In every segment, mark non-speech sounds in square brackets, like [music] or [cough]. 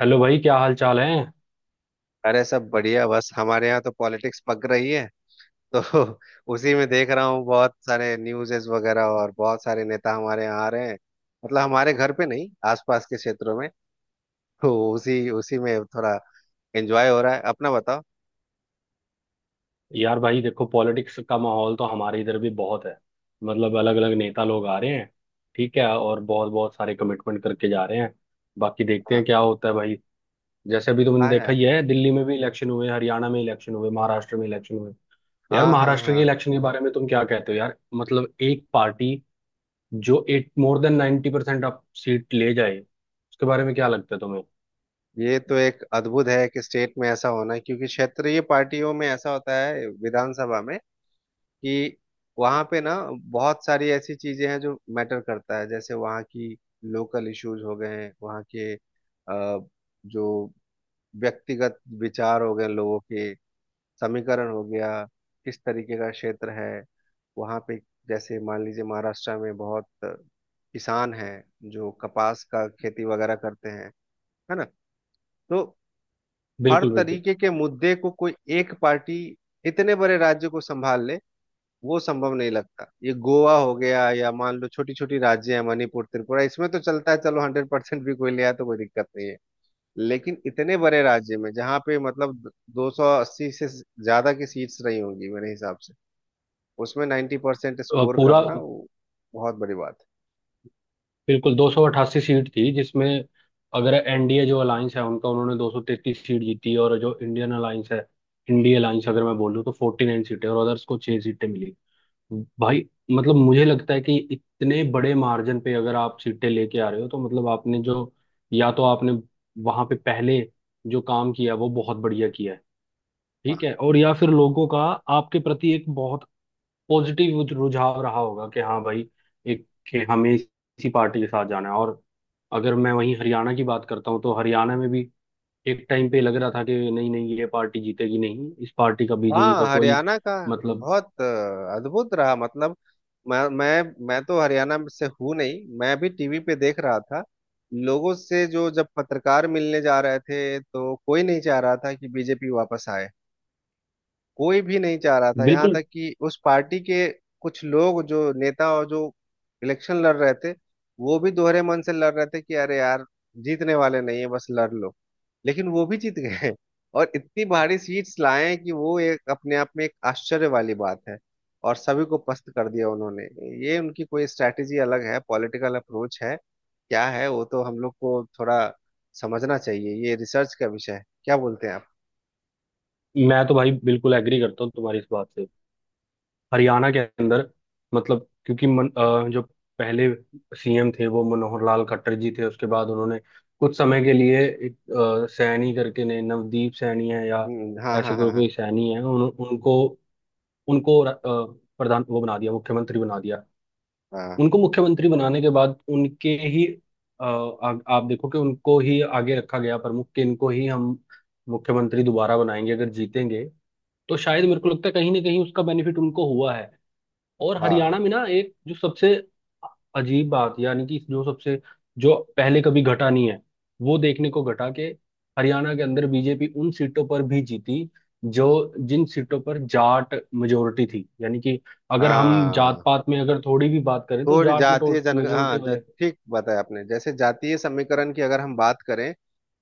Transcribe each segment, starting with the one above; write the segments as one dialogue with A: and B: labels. A: Hello भाई, क्या हाल चाल है?
B: अरे, सब बढ़िया। बस हमारे यहाँ तो पॉलिटिक्स पक रही है, तो [laughs] उसी में देख रहा हूँ बहुत सारे न्यूज़ेस वगैरह, और बहुत सारे नेता हमारे यहाँ आ रहे हैं। मतलब हमारे घर पे नहीं, आसपास के क्षेत्रों में। तो उसी उसी में थोड़ा एंजॉय हो रहा है। अपना बताओ।
A: यार भाई देखो, पॉलिटिक्स का माहौल तो हमारे इधर भी बहुत है। मतलब अलग अलग नेता लोग आ रहे हैं, ठीक है, और बहुत बहुत सारे कमिटमेंट करके जा रहे हैं। बाकी देखते
B: हाँ।
A: हैं क्या होता है भाई। जैसे अभी तुमने
B: हाँ
A: देखा
B: यार।
A: ही है, दिल्ली में भी इलेक्शन हुए, हरियाणा में इलेक्शन हुए, महाराष्ट्र में इलेक्शन हुए। यार
B: हाँ, हाँ,
A: महाराष्ट्र के
B: हाँ।
A: इलेक्शन के बारे में तुम क्या कहते हो यार? मतलब एक पार्टी जो एट मोर देन 90% आप सीट ले जाए, उसके बारे में क्या लगता है तुम्हें?
B: ये तो एक अद्भुत है कि स्टेट में ऐसा होना, क्योंकि क्षेत्रीय पार्टियों में ऐसा होता है विधानसभा में कि वहाँ पे ना बहुत सारी ऐसी चीजें हैं जो मैटर करता है। जैसे वहाँ की लोकल इश्यूज हो गए हैं, वहाँ के जो व्यक्तिगत विचार हो गए लोगों के, समीकरण हो गया, किस तरीके का क्षेत्र है वहाँ पे। जैसे मान लीजिए महाराष्ट्र में बहुत किसान हैं जो कपास का खेती वगैरह करते हैं, है ना। तो हर
A: बिल्कुल, बिल्कुल।
B: तरीके के मुद्दे को कोई एक पार्टी इतने बड़े राज्य को संभाल ले, वो संभव नहीं लगता। ये गोवा हो गया या मान लो छोटी छोटी राज्य है मणिपुर त्रिपुरा, इसमें तो चलता है, चलो 100% भी कोई ले आया तो कोई दिक्कत नहीं है। लेकिन इतने बड़े राज्य में जहाँ पे मतलब 280 से ज्यादा की सीट्स रही होंगी मेरे हिसाब से, उसमें 90%
A: अ,
B: स्कोर
A: पूरा
B: करना वो बहुत बड़ी बात है।
A: बिल्कुल 288 सीट थी, जिसमें अगर एनडीए जो अलायंस है उनका, उन्होंने 233 सीट जीती, और जो इंडियन अलायंस है, इंडिया अलायंस अगर मैं बोलूँ तो 49 सीटें, और अदर्स को छह सीटें मिली भाई। मतलब मुझे लगता है कि इतने बड़े मार्जिन पे अगर आप सीटें लेके आ रहे हो, तो मतलब आपने जो, या तो आपने वहां पे पहले जो काम किया वो बहुत बढ़िया किया है, ठीक है, और या फिर लोगों का आपके प्रति एक बहुत पॉजिटिव रुझाव रहा होगा कि हाँ भाई, एक कि हमें इसी पार्टी के साथ जाना है। और अगर मैं वहीं हरियाणा की बात करता हूँ तो हरियाणा में भी एक टाइम पे लग रहा था कि नहीं नहीं, ये पार्टी जीतेगी नहीं, इस पार्टी का, बीजेपी
B: हाँ,
A: का कोई
B: हरियाणा का
A: मतलब
B: बहुत अद्भुत रहा। मतलब मैं तो हरियाणा में से हूँ नहीं, मैं भी टीवी पे देख रहा था। लोगों से जो जब पत्रकार मिलने जा रहे थे तो कोई नहीं चाह रहा था कि बीजेपी वापस आए। कोई भी नहीं चाह रहा था, यहाँ
A: बिल्कुल।
B: तक कि उस पार्टी के कुछ लोग जो नेता और जो इलेक्शन लड़ रहे थे वो भी दोहरे मन से लड़ रहे थे कि अरे यार जीतने वाले नहीं है, बस लड़ लो। लेकिन वो भी जीत गए और इतनी भारी सीट्स लाए कि वो एक अपने आप में एक आश्चर्य वाली बात है, और सभी को पस्त कर दिया उन्होंने। ये उनकी कोई स्ट्रैटेजी अलग है, पॉलिटिकल अप्रोच है, क्या है वो तो हम लोग को थोड़ा समझना चाहिए। ये रिसर्च का विषय है। क्या बोलते हैं आप?
A: मैं तो भाई बिल्कुल एग्री करता हूँ तुम्हारी इस बात से। हरियाणा के अंदर मतलब, क्योंकि जो पहले सीएम थे वो मनोहर लाल खट्टर जी थे। उसके बाद उन्होंने कुछ समय के लिए एक सैनी करके, ने नवदीप सैनी है या
B: हाँ,
A: ऐसे
B: हाँ, हाँ,
A: कोई
B: हाँ।
A: कोई सैनी है, उनको, उनको र- अ, प्रधान वो बना दिया, मुख्यमंत्री बना दिया।
B: हाँ,
A: उनको मुख्यमंत्री बनाने के बाद उनके ही आप देखो कि उनको ही आगे रखा गया प्रमुख कि इनको ही हम मुख्यमंत्री दोबारा बनाएंगे अगर जीतेंगे। तो शायद मेरे को लगता है कहीं ना कहीं उसका बेनिफिट उनको हुआ है। और
B: हाँ,
A: हरियाणा में ना एक जो सबसे अजीब बात, यानी कि जो सबसे, जो पहले कभी घटा नहीं है, वो देखने को घटा के, हरियाणा के अंदर बीजेपी उन सीटों पर भी जीती जो, जिन सीटों पर जाट मेजोरिटी थी, यानी कि अगर हम जात
B: हाँ।
A: पात में अगर थोड़ी भी बात करें तो
B: थोड़ी
A: जाट
B: जातीय जन हाँ,
A: मेजोरिटी वाले।
B: ठीक बताया आपने। जैसे जातीय समीकरण की अगर हम बात करें,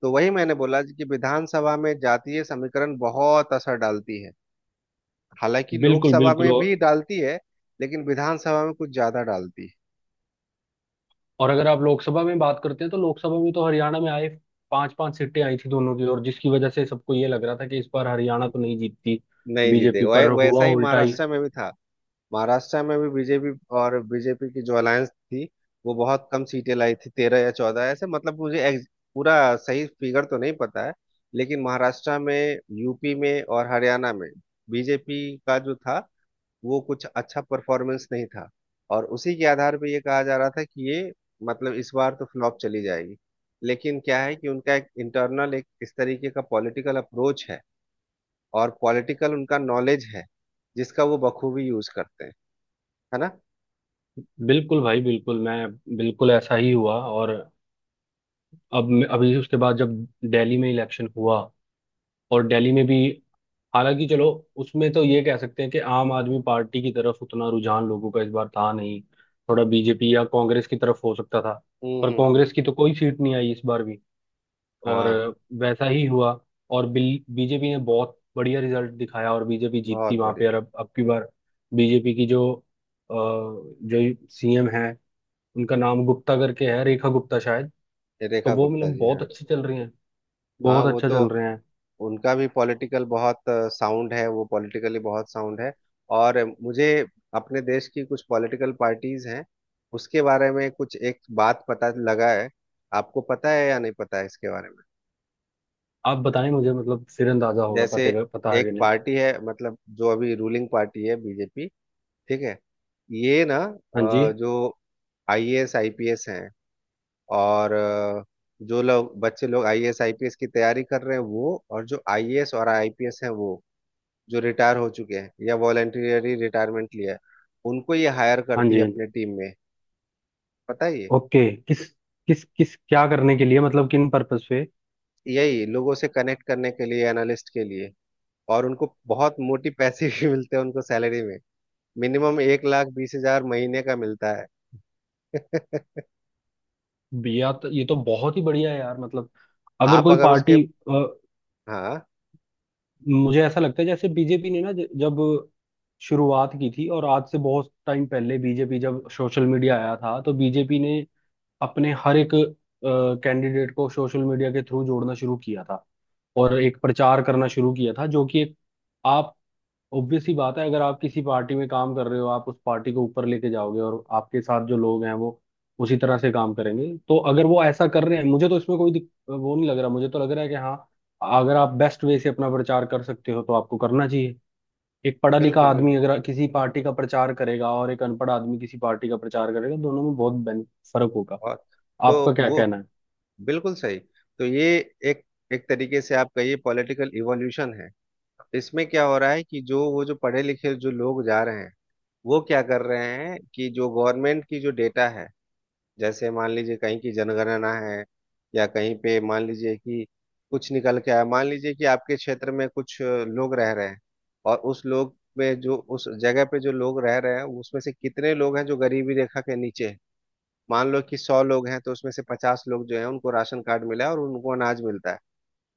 B: तो वही मैंने बोला कि विधानसभा में जातीय समीकरण बहुत असर डालती है। हालांकि
A: बिल्कुल,
B: लोकसभा
A: बिल्कुल।
B: में भी डालती है, लेकिन विधानसभा में कुछ ज्यादा डालती है।
A: और अगर आप लोकसभा में बात करते हैं तो लोकसभा में तो हरियाणा में आए, पांच पांच सीटें आई थी दोनों की, और जिसकी वजह से सबको ये लग रहा था कि इस बार हरियाणा तो नहीं जीतती,
B: नहीं जीते।
A: बीजेपी पर हुआ
B: वैसा ही
A: उल्टा ही।
B: महाराष्ट्र में भी था। महाराष्ट्र में भी बीजेपी और बीजेपी की जो अलायंस थी वो बहुत कम सीटें लाई थी, 13 या 14 ऐसे, मतलब मुझे पूरा सही फिगर तो नहीं पता है। लेकिन महाराष्ट्र में, यूपी में और हरियाणा में बीजेपी का जो था वो कुछ अच्छा परफॉर्मेंस नहीं था, और उसी के आधार पे ये कहा जा रहा था कि ये मतलब इस बार तो फ्लॉप चली जाएगी। लेकिन क्या है कि उनका एक इंटरनल एक इस तरीके का पॉलिटिकल अप्रोच है, और पॉलिटिकल उनका नॉलेज है जिसका वो बखूबी यूज करते हैं, है ना।
A: बिल्कुल भाई, बिल्कुल ऐसा ही हुआ। और अब अभी उसके बाद जब दिल्ली में इलेक्शन हुआ, और दिल्ली में भी, हालांकि चलो, उसमें तो ये कह सकते हैं कि आम आदमी पार्टी की तरफ उतना रुझान लोगों का इस बार था नहीं, थोड़ा बीजेपी या कांग्रेस की तरफ हो सकता था,
B: हम्म,
A: पर
B: हम्म, हम्म।
A: कांग्रेस की तो कोई सीट नहीं आई इस बार भी, और
B: हाँ,
A: वैसा ही हुआ। और बीजेपी ने बहुत बढ़िया रिजल्ट दिखाया, और बीजेपी जीती
B: बहुत
A: वहां
B: बढ़िया।
A: पे। और अब की बार बीजेपी की जो जो सीएम है, उनका नाम गुप्ता करके है, रेखा गुप्ता शायद।
B: ये
A: तो
B: रेखा
A: वो
B: गुप्ता
A: मतलब
B: जी
A: बहुत
B: हैं।
A: अच्छी चल रही हैं,
B: हाँ
A: बहुत
B: वो
A: अच्छा
B: तो
A: चल रहे हैं।
B: उनका भी पॉलिटिकल बहुत साउंड है, वो पॉलिटिकली बहुत साउंड है। और मुझे अपने देश की कुछ पॉलिटिकल पार्टीज हैं उसके बारे में कुछ एक बात पता लगा है। आपको पता है या नहीं पता है इसके बारे में?
A: आप बताएं मुझे, मतलब फिर अंदाजा होगा
B: जैसे
A: पते का, पता है कि
B: एक
A: नहीं।
B: पार्टी है, मतलब जो अभी रूलिंग पार्टी है, बीजेपी, ठीक है। ये ना
A: हाँ जी,
B: जो आईएएस आईपीएस हैं, और जो लोग, बच्चे लोग आईएएस आईपीएस की तैयारी कर रहे हैं वो, और जो आईएएस और आईपीएस हैं वो जो रिटायर हो चुके हैं या वॉलंटियरली रिटायरमेंट लिया है, उनको ये हायर
A: हाँ
B: करती
A: जी,
B: है
A: हाँ जी।
B: अपने टीम में। पता है ये?
A: ओके, किस किस किस क्या करने के लिए, मतलब किन पर्पस पे?
B: यही, लोगों से कनेक्ट करने के लिए, एनालिस्ट के लिए। और उनको बहुत मोटी पैसे भी मिलते हैं, उनको सैलरी में मिनिमम 1,20,000 महीने का मिलता है। [laughs]
A: या तो ये तो बहुत ही बढ़िया है यार। मतलब अगर
B: आप
A: कोई
B: अगर उसके।
A: पार्टी, अ,
B: हाँ।
A: मुझे ऐसा लगता है जैसे बीजेपी ने ना जब शुरुआत की थी, और आज से बहुत टाइम पहले, बीजेपी जब सोशल मीडिया आया था तो बीजेपी ने अपने हर एक कैंडिडेट को सोशल मीडिया के थ्रू जोड़ना शुरू किया था, और एक प्रचार करना शुरू किया था, जो कि एक, आप, ऑब्वियस ही बात है। अगर आप किसी पार्टी में काम कर रहे हो, आप उस पार्टी को ऊपर लेके जाओगे, और आपके साथ जो लोग हैं वो उसी तरह से काम करेंगे। तो अगर वो ऐसा कर रहे हैं, मुझे तो इसमें कोई वो नहीं लग रहा, मुझे तो लग रहा है कि हाँ, अगर आप बेस्ट वे से अपना प्रचार कर सकते हो तो आपको करना चाहिए। एक पढ़ा लिखा
B: बिल्कुल,
A: आदमी
B: बिल्कुल।
A: अगर किसी पार्टी का प्रचार करेगा, और एक अनपढ़ आदमी किसी पार्टी का प्रचार करेगा, दोनों में बहुत फर्क होगा।
B: और तो
A: आपका क्या
B: वो
A: कहना है?
B: बिल्कुल सही। तो ये एक, एक तरीके से आप कहिए पॉलिटिकल इवोल्यूशन है। इसमें क्या हो रहा है कि जो वो जो पढ़े लिखे जो लोग जा रहे हैं, वो क्या कर रहे हैं कि जो गवर्नमेंट की जो डेटा है, जैसे मान लीजिए कहीं की जनगणना है, या कहीं पे मान लीजिए कि कुछ निकल के आया, मान लीजिए कि आपके क्षेत्र में कुछ लोग रह रहे हैं, और उस लोग में जो उस जगह पे जो लोग रह रहे हैं उसमें से कितने लोग हैं जो गरीबी रेखा के नीचे हैं। मान लो कि 100 लोग हैं, तो उसमें से 50 लोग जो है उनको राशन कार्ड मिला है और उनको अनाज मिलता है।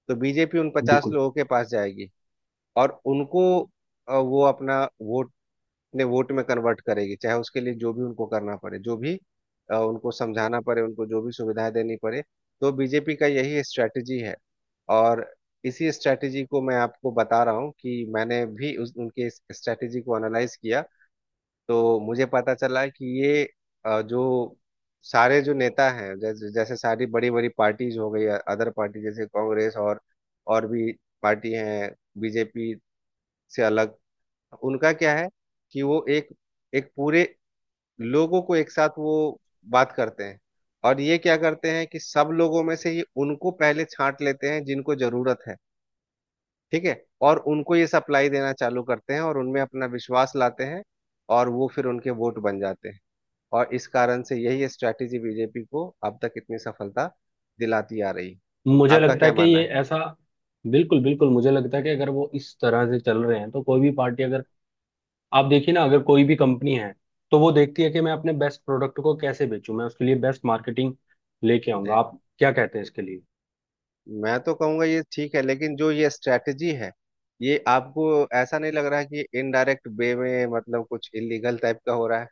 B: तो बीजेपी उन पचास
A: बिल्कुल,
B: लोगों के पास जाएगी, और उनको वो अपना वोट अपने वोट में कन्वर्ट करेगी, चाहे उसके लिए जो भी उनको करना पड़े, जो भी उनको समझाना पड़े, उनको जो भी सुविधाएं देनी पड़े। तो बीजेपी का यही स्ट्रैटेजी है। और इसी स्ट्रैटेजी को मैं आपको बता रहा हूँ कि मैंने भी उनके इस स्ट्रैटेजी को एनालाइज किया, तो मुझे पता चला कि ये जो सारे जो नेता हैं, जैसे जैसे सारी बड़ी बड़ी पार्टीज हो गई अदर पार्टी, जैसे कांग्रेस और भी पार्टी हैं बीजेपी से अलग, उनका क्या है कि वो एक एक पूरे लोगों को एक साथ वो बात करते हैं। और ये क्या करते हैं कि सब लोगों में से ये उनको पहले छांट लेते हैं जिनको जरूरत है, ठीक है, और उनको ये सप्लाई देना चालू करते हैं और उनमें अपना विश्वास लाते हैं, और वो फिर उनके वोट बन जाते हैं। और इस कारण से यही स्ट्रैटेजी बीजेपी को अब तक इतनी सफलता दिलाती आ रही।
A: मुझे
B: आपका
A: लगता
B: क्या
A: है कि
B: मानना
A: ये
B: है?
A: ऐसा, बिल्कुल बिल्कुल, मुझे लगता है कि अगर वो इस तरह से चल रहे हैं तो कोई भी पार्टी अगर, आप देखिए ना, अगर कोई भी कंपनी है तो वो देखती है कि मैं अपने बेस्ट प्रोडक्ट को कैसे बेचूं, मैं उसके लिए बेस्ट मार्केटिंग लेके आऊंगा।
B: जी,
A: आप क्या कहते हैं इसके लिए?
B: मैं तो कहूंगा ये ठीक है, लेकिन जो ये स्ट्रैटेजी है ये आपको ऐसा नहीं लग रहा है कि इनडायरेक्ट वे में मतलब कुछ इलीगल टाइप का हो रहा है?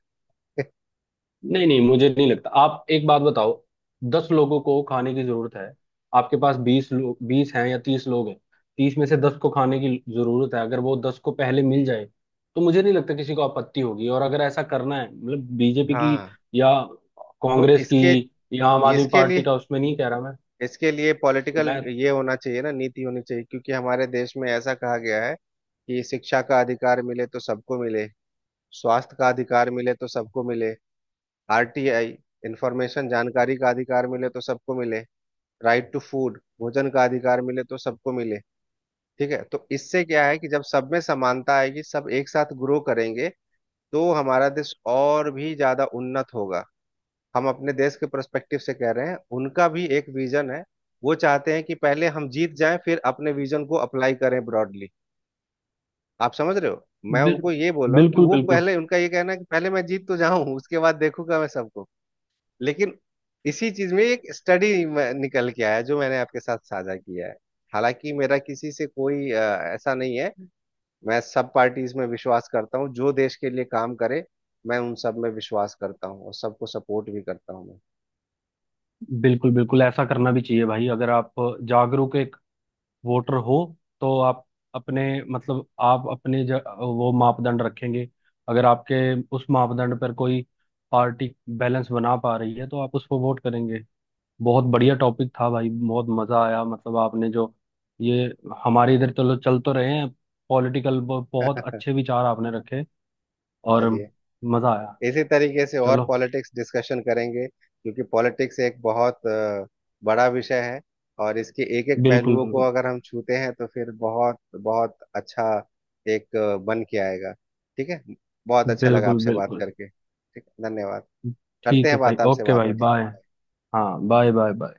A: नहीं नहीं, मुझे नहीं लगता। आप एक बात बताओ, 10 लोगों को खाने की जरूरत है, आपके पास 20 लोग, 20 हैं या 30 लोग हैं, 30 में से 10 को खाने की जरूरत है, अगर वो 10 को पहले मिल जाए तो मुझे नहीं लगता किसी को आपत्ति होगी। और अगर ऐसा करना है मतलब बीजेपी की,
B: हाँ,
A: या
B: तो
A: कांग्रेस
B: इसके,
A: की या आम आदमी
B: इसके
A: पार्टी
B: लिए,
A: का, उसमें नहीं कह रहा मैं।
B: इसके लिए पॉलिटिकल
A: मैं
B: ये होना चाहिए ना, नीति होनी चाहिए, क्योंकि हमारे देश में ऐसा कहा गया है कि शिक्षा का अधिकार मिले तो सबको मिले, स्वास्थ्य का अधिकार मिले तो सबको मिले, आरटीआई इंफॉर्मेशन जानकारी का अधिकार मिले तो सबको मिले, राइट टू फूड भोजन का अधिकार मिले तो सबको मिले। ठीक है, तो इससे क्या है कि जब सब में समानता आएगी सब एक साथ ग्रो करेंगे तो हमारा देश और भी ज्यादा उन्नत होगा। हम अपने देश के पर्सपेक्टिव से कह रहे हैं, उनका भी एक विजन है। वो चाहते हैं कि पहले हम जीत जाएं फिर अपने विजन को अप्लाई करें ब्रॉडली। आप समझ रहे हो? मैं
A: बिल,
B: उनको ये बोल रहा हूँ कि
A: बिल्कुल।
B: वो
A: बिल्कुल,
B: पहले, उनका ये कहना है कि पहले मैं जीत तो जाऊं उसके बाद देखूंगा मैं सबको। लेकिन इसी चीज में एक स्टडी निकल के आया जो मैंने आपके साथ साझा किया है। हालांकि मेरा किसी से कोई ऐसा नहीं है। मैं सब पार्टीज में विश्वास करता हूँ जो देश के लिए काम करे, मैं उन सब में विश्वास करता हूँ और सबको सपोर्ट भी करता हूँ मैं।
A: बिल्कुल। बिल्कुल ऐसा करना भी चाहिए भाई। अगर आप जागरूक एक वोटर हो, तो आप अपने, मतलब आप अपने वो मापदंड रखेंगे, अगर आपके उस मापदंड पर कोई पार्टी बैलेंस बना पा रही है तो आप उसको वोट करेंगे। बहुत बढ़िया टॉपिक था भाई, बहुत मजा आया। मतलब आपने जो ये, हमारे इधर चलो चल तो रहे हैं, पॉलिटिकल बहुत
B: बिल्कुल।
A: अच्छे विचार आपने रखे,
B: [laughs]
A: और
B: चलिए,
A: मजा आया।
B: इसी तरीके से और
A: चलो।
B: पॉलिटिक्स डिस्कशन करेंगे, क्योंकि पॉलिटिक्स एक बहुत बड़ा विषय है, और इसके एक एक
A: बिल्कुल,
B: पहलुओं को
A: बिल्कुल।
B: अगर हम छूते हैं तो फिर बहुत बहुत अच्छा एक बन के आएगा। ठीक है। बहुत अच्छा लगा
A: बिल्कुल,
B: आपसे बात
A: बिल्कुल।
B: करके, ठीक है, धन्यवाद। करते
A: ठीक है
B: हैं
A: भाई,
B: बात आपसे
A: ओके
B: बाद
A: भाई, बाय।
B: में।
A: हाँ बाय, बाय, बाय।